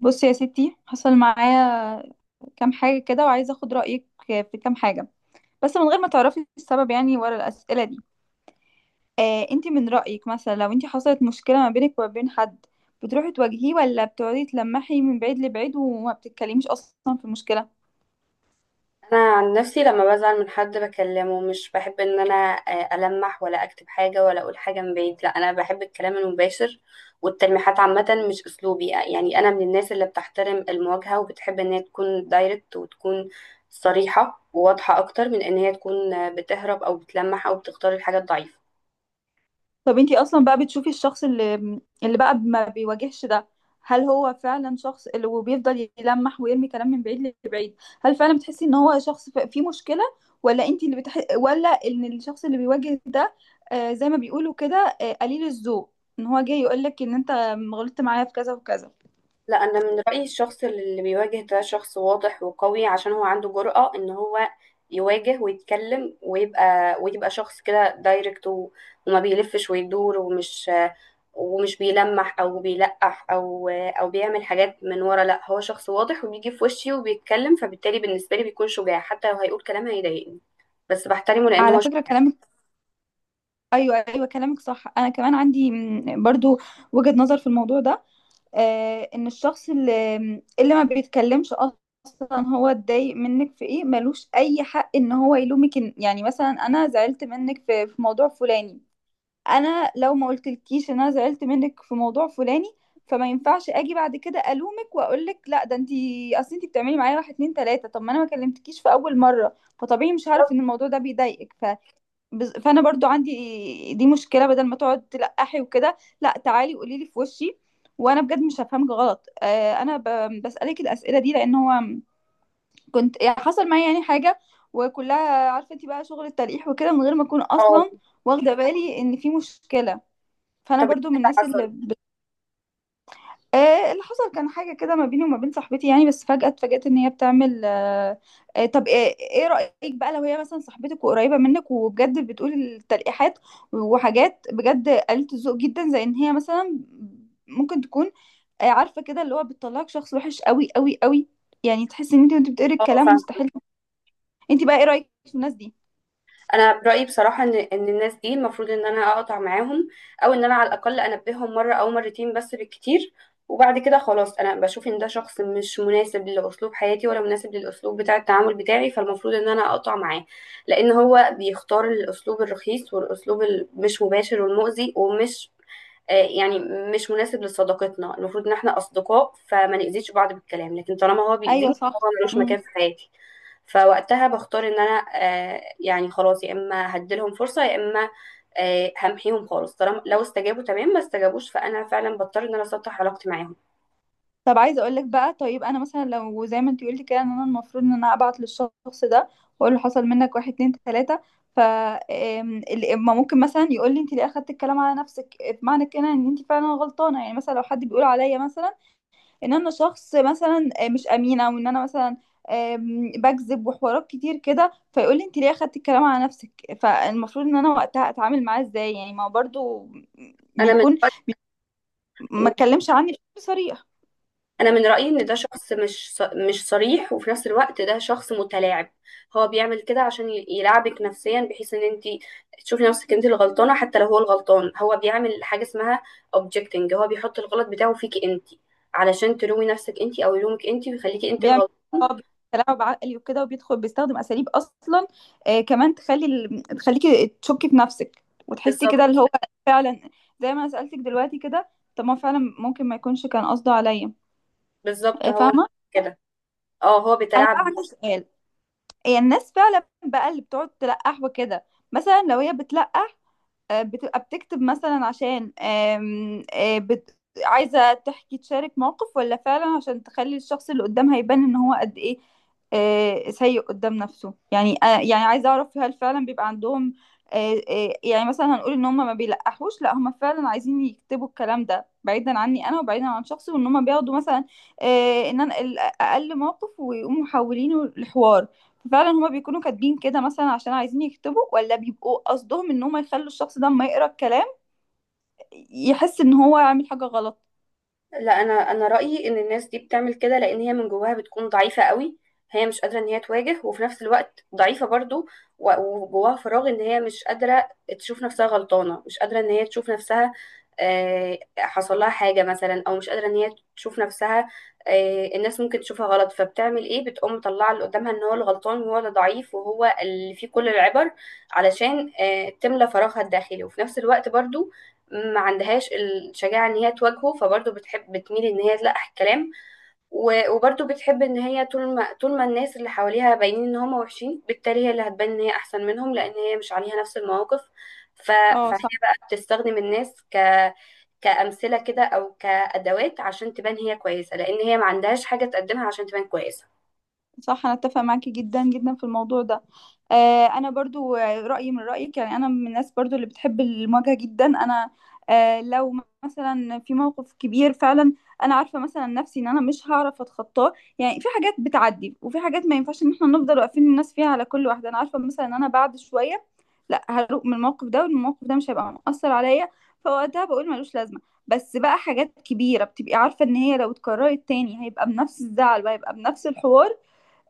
بصي يا ستي، حصل معايا كام حاجة كده وعايزة اخد رأيك في كام حاجة، بس من غير ما تعرفي السبب يعني ورا الأسئلة دي. انتي من رأيك، مثلا لو انتي حصلت مشكلة ما بينك وما بين حد، بتروحي تواجهيه ولا بتقعدي تلمحي من بعيد لبعيد وما بتتكلميش أصلا في المشكلة؟ انا عن نفسي لما بزعل من حد بكلمه، مش بحب ان انا المح ولا اكتب حاجه ولا اقول حاجه من بعيد. لا انا بحب الكلام المباشر، والتلميحات عامه مش اسلوبي. يعني انا من الناس اللي بتحترم المواجهه، وبتحب ان هي تكون دايركت وتكون صريحه وواضحه اكتر من ان هي تكون بتهرب او بتلمح او بتختار الحاجه الضعيفه. طب انتي اصلا بقى بتشوفي الشخص اللي بقى ما بيواجهش ده، هل هو فعلا شخص اللي وبيفضل يلمح ويرمي كلام من بعيد لبعيد، هل فعلا بتحسي ان هو شخص فيه مشكلة؟ ولا ان الشخص اللي بيواجه ده، زي ما بيقولوا كده، قليل الذوق، ان هو جاي يقولك ان انت غلطت معايا في كذا وكذا. لا، انا من رايي الشخص اللي بيواجه ده شخص واضح وقوي، عشان هو عنده جرأة ان هو يواجه ويتكلم، ويبقى شخص كده دايركت، وما بيلفش ويدور، ومش بيلمح او بيلقح او بيعمل حاجات من ورا. لا، هو شخص واضح وبيجي في وشي وبيتكلم، فبالتالي بالنسبه لي بيكون شجاع. حتى لو هيقول كلام هيضايقني، بس بحترمه لان على هو شخص. فكرة كلامك، ايوه، ايوه، كلامك صح، انا كمان عندي برضو وجهة نظر في الموضوع ده، ان الشخص اللي ما بيتكلمش اصلا، هو اتضايق منك في ايه؟ ملوش اي حق ان هو يلومك. يعني مثلا انا زعلت منك في موضوع فلاني، انا لو ما قلتلكيش ان انا زعلت منك في موضوع فلاني فما ينفعش اجي بعد كده الومك واقول لك لا، ده انتي، اصل انتي بتعملي معايا واحد اتنين تلاته. طب ما انا ما كلمتكيش في اول مره، فطبيعي مش هعرف ان الموضوع ده بيضايقك. فانا برضو عندي دي مشكله، بدل ما تقعد تلقحي وكده، لا، تعالي قولي لي في وشي وانا بجد مش هفهمك غلط. انا بسالك الاسئله دي لان هو كنت يعني حصل معايا يعني حاجه، وكلها عارفه انت بقى شغل التلقيح وكده من غير ما اكون اصلا اه. واخده بالي ان في مشكله. فانا طب إيه برضو من اللي الناس اللي حصل؟ آه اللي حصل كان حاجة كده ما بيني وما بين صاحبتي يعني، بس فجأة اتفاجأت ان هي بتعمل. طب، ايه رأيك بقى لو هي مثلا صاحبتك وقريبة منك وبجد بتقول التلقيحات وحاجات بجد قلة الذوق جدا، زي ان هي مثلا ممكن تكون، عارفة كده، اللي هو بتطلعك شخص وحش قوي قوي قوي، يعني تحس ان انت وانت بتقري اه، الكلام فاهمه. مستحيل. انت بقى ايه رأيك في الناس دي؟ انا برايي بصراحه ان الناس دي المفروض ان انا اقطع معاهم، او ان انا على الاقل انبههم مره او مرتين بس بالكتير، وبعد كده خلاص انا بشوف ان ده شخص مش مناسب لاسلوب حياتي ولا مناسب للاسلوب بتاع التعامل بتاعي، فالمفروض ان انا اقطع معاه. لان هو بيختار الاسلوب الرخيص والاسلوب المش مباشر والمؤذي، ومش آه، يعني مش مناسب لصداقتنا. المفروض ان احنا اصدقاء، فما نأذيش بعض بالكلام، لكن طالما هو ايوه، بيأذيني، هو صح. ملوش مكان في حياتي. فوقتها بختار ان انا يعني خلاص، يا اما هديلهم فرصة، يا اما همحيهم خالص. طالما لو استجابوا تمام، ما استجابوش فانا فعلا بضطر ان انا اسطح علاقتي معاهم. طب عايزه اقول لك بقى، طيب انا مثلا لو زي ما انت قلتي كده، ان انا المفروض ان انا ابعت للشخص ده واقول له حصل منك واحد اتنين تلاته، ما ممكن مثلا يقول لي انت ليه اخدت الكلام على نفسك؟ بمعنى كده ان انت فعلا غلطانه، يعني مثلا لو حد بيقول عليا مثلا ان انا شخص مثلا مش امينه، وان انا مثلا بكذب وحوارات كتير كده، فيقول لي انت ليه اخدت الكلام على نفسك؟ فالمفروض ان انا وقتها اتعامل معاه ازاي؟ يعني ما هو برضو انا من بيكون ما اتكلمش عني بشكل صريح، انا من رايي ان ده شخص مش صريح، وفي نفس الوقت ده شخص متلاعب. هو بيعمل كده عشان يلعبك نفسيا، بحيث ان انت تشوفي نفسك انت الغلطانه حتى لو هو الغلطان. هو بيعمل حاجه اسمها objecting، هو بيحط الغلط بتاعه فيكي انت، علشان تلومي نفسك انت او يلومك انت ويخليكي انت بيعمل الغلطان. اه تلاعب عقلي وكده، وبيدخل بيستخدم اساليب اصلا كمان تخليكي تشكي في نفسك وتحسي كده اللي بالظبط. هو فعلا، زي ما انا سالتك دلوقتي كده، طب ما فعلا ممكن ما يكونش كان قصده عليا. بالظبط، آه، هو فاهمه. كده. اه، هو انا بقى بيتلاعب عندي بيكي. سؤال، هي الناس فعلا بقى اللي بتقعد تلقح وكده، مثلا لو هي بتلقح، بتبقى بتكتب مثلا عشان عايزة تحكي، تشارك موقف، ولا فعلا عشان تخلي الشخص اللي قدامها يبان ان هو قد ايه سيء قدام نفسه؟ يعني يعني عايزة اعرف هل فعلا بيبقى عندهم يعني مثلا هنقول ان هم ما بيلقحوش، لا هم فعلا عايزين يكتبوا الكلام ده بعيدا عني انا، وبعيدا عن شخصي، وان هم بياخدوا مثلا ان انا اقل موقف ويقوموا محولينه لحوار. فعلا هما بيكونوا كاتبين كده مثلا عشان عايزين يكتبوا، ولا بيبقوا قصدهم ان هما يخلوا الشخص ده اما يقرا الكلام يحس ان هو عامل حاجة غلط؟ لا، انا رايي ان الناس دي بتعمل كده لان هي من جواها بتكون ضعيفه قوي. هي مش قادره ان هي تواجه، وفي نفس الوقت ضعيفه برضو، و- وجواها فراغ. ان هي مش قادره تشوف نفسها غلطانه، مش قادره ان هي تشوف نفسها، حصل لها حاجه مثلا، او مش قادره ان هي تشوف نفسها الناس ممكن تشوفها غلط. فبتعمل ايه؟ بتقوم مطلعه اللي قدامها ان هو الغلطان، وهو اللي ضعيف، وهو اللي فيه كل العبر، علشان تملى فراغها الداخلي. وفي نفس الوقت برضو ما عندهاش الشجاعة ان هي تواجهه، فبرضه بتحب بتميل ان هي تلقح الكلام. وبرضه بتحب ان هي، طول ما الناس اللي حواليها باينين ان هم وحشين، بالتالي هي اللي هتبان ان هي احسن منهم، لان هي مش عليها نفس المواقف. ف... اه، مم. فهي صح، بقى بتستخدم الناس ك كأمثلة كده او كأدوات، عشان تبان هي كويسة، لان هي ما عندهاش حاجة تقدمها عشان تبان كويسة. صح، انا اتفق معاكي جدا جدا في الموضوع ده. انا برضو رايي من رايك، يعني انا من الناس برضو اللي بتحب المواجهه جدا. انا لو مثلا في موقف كبير فعلا، انا عارفه مثلا نفسي ان انا مش هعرف اتخطاه، يعني في حاجات بتعدي وفي حاجات ما ينفعش ان احنا نفضل واقفين الناس فيها، على كل واحده انا عارفه مثلا ان انا بعد شويه لا، هروق من الموقف ده والموقف ده مش هيبقى مؤثر عليا، فوقتها بقول ملوش لازمه. بس بقى حاجات كبيره بتبقي عارفه ان هي لو اتكررت تاني هيبقى بنفس الزعل وهيبقى بنفس الحوار،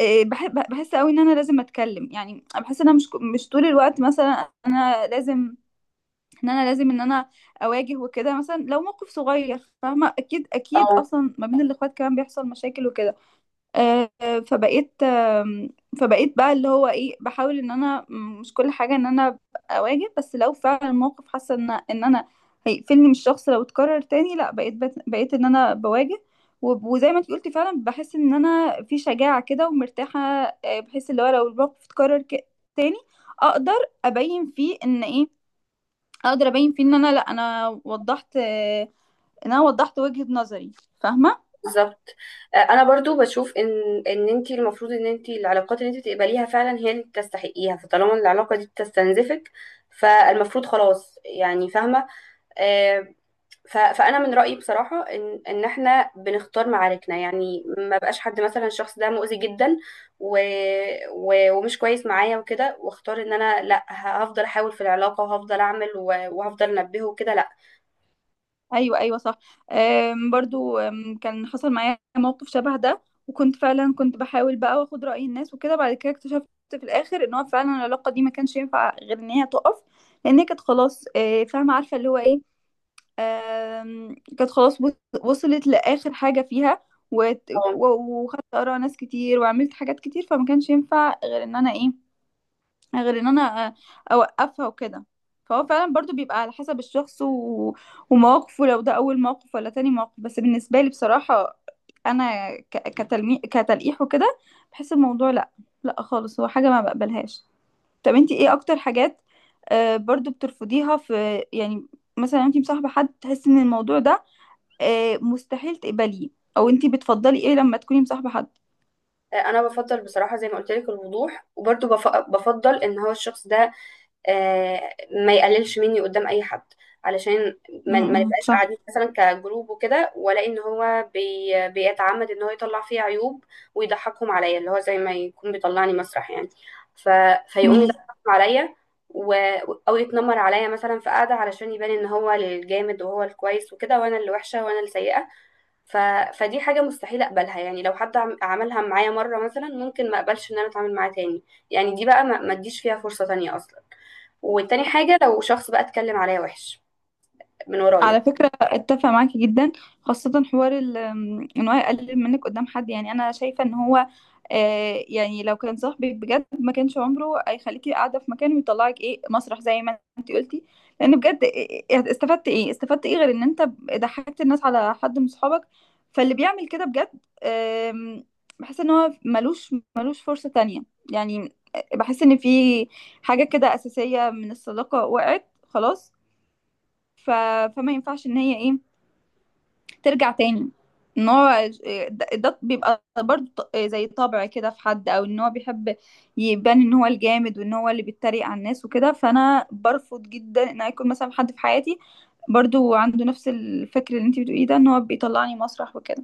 إيه، بحب بحس قوي ان انا لازم اتكلم، يعني بحس ان انا مش طول الوقت مثلا، انا لازم، ان انا اواجه وكده. مثلا لو موقف صغير فاهمه، اكيد او اكيد، اصلا ما بين الاخوات كمان بيحصل مشاكل وكده، آه، فبقيت آم، فبقيت بقى اللي هو ايه، بحاول ان انا مش كل حاجه ان انا أبقى اواجه، بس لو فعلا الموقف حاسه ان انا هيقفلني من الشخص لو اتكرر تاني، لا، بقيت ان انا بواجه. وزي ما انت قلتي، فعلا بحس ان انا في شجاعه كده ومرتاحه، بحس اللي هو لو الموقف اتكرر تاني، اقدر ابين فيه ان ايه، اقدر ابين فيه ان انا، لا، انا وضحت، ان انا وضحت وجهه نظري. فاهمه؟ بالظبط. انا برضو بشوف ان انت المفروض ان انت العلاقات اللي انت تقبليها فعلا هي اللي تستحقيها، فطالما العلاقه دي بتستنزفك، فالمفروض خلاص، يعني فاهمه. آه، فانا من رايي بصراحه ان احنا بنختار معاركنا. يعني ما بقاش حد مثلا الشخص ده مؤذي جدا و و ومش كويس معايا وكده، واختار ان انا، لا، هفضل احاول في العلاقه، وهفضل اعمل، وهفضل انبهه وكده؟ لا. ايوه، ايوه، صح. برضو كان حصل معايا موقف شبه ده، وكنت فعلا، كنت بحاول بقى واخد رأي الناس وكده، بعد كده اكتشفت في الاخر ان هو فعلا العلاقة دي ما كانش ينفع غير ان هي تقف، لان هي كانت خلاص، فاهمة عارفة اللي هو ايه، كانت خلاص وصلت لآخر حاجة فيها، وت- و- وخدت آراء ناس كتير وعملت حاجات كتير، فما كانش ينفع غير ان انا ايه، غير ان انا اوقفها وكده. فهو فعلا برضو بيبقى على حسب الشخص ومواقفه، لو ده اول موقف ولا تاني موقف. بس بالنسبة لي بصراحة، انا كتلقيح وكده، بحس الموضوع لا، لا خالص، هو حاجة ما بقبلهاش. طب انتي ايه اكتر حاجات برضو بترفضيها في يعني، مثلا انتي مصاحبة حد، تحسي ان الموضوع ده مستحيل تقبليه؟ او انتي بتفضلي ايه لما تكوني مصاحبة حد؟ انا بفضل بصراحه، زي ما قلت لك، الوضوح، وبرضه بفضل ان هو الشخص ده ما يقللش مني قدام اي حد، علشان م- ما م، نبقاش قاعدين مثلا كجروب وكده، والاقي ان هو بيتعمد ان هو يطلع فيه عيوب ويضحكهم عليا، اللي هو زي ما يكون بيطلعني مسرح يعني. ف... فيقوم صح، يضحكهم عليا، و... او يتنمر عليا مثلا في قعده، علشان يبان ان هو الجامد وهو الكويس وكده، وانا اللي وحشه وانا اللي سيئه. ف... فدي حاجة مستحيل أقبلها. يعني لو حد عملها معايا مرة مثلا، ممكن ما أقبلش إن أنا أتعامل معاه تاني، يعني دي بقى ما أديش فيها فرصة تانية أصلا. والتاني حاجة، لو شخص بقى اتكلم عليا وحش من على ورايا. فكرة اتفق معاكي جدا، خاصة حوار ال- ام، ان هو يقلل منك قدام حد، يعني انا شايفة ان هو يعني لو كان صاحبك بجد، ما كانش عمره هيخليكي قاعدة في مكان ويطلعك ايه مسرح زي ما انت قلتي، لان بجد استفدت ايه، استفدت ايه غير ان انت ضحكت الناس على حد من صحابك؟ فاللي بيعمل كده بجد، آم، بحس ان هو ملوش فرصة تانية، يعني بحس ان في حاجة كده اساسية من الصداقة وقعت خلاص، ف... فما ينفعش ان هي ايه، ترجع تاني. ان هو ده بيبقى برضه زي طبع كده في حد، او ان هو بيحب يبان ان هو الجامد وان هو اللي بيتريق على الناس وكده، فانا برفض جدا ان يكون مثلا حد في حياتي برضو عنده نفس الفكر اللي انت بتقوليه ده، ان هو بيطلعني مسرح وكده.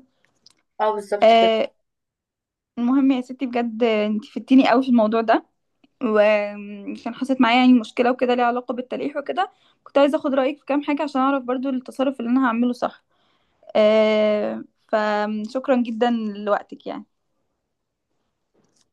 اه، بالظبط آه كده. المهم يا ستي، بجد انت فدتيني قوي في الموضوع ده، وكان حصلت معايا يعني مشكلة وكده ليها علاقة بالتلقيح وكده، كنت عايزة اخد رأيك في كام حاجة عشان اعرف برضو التصرف اللي انا هعمله صح. فشكرا جدا لوقتك يعني.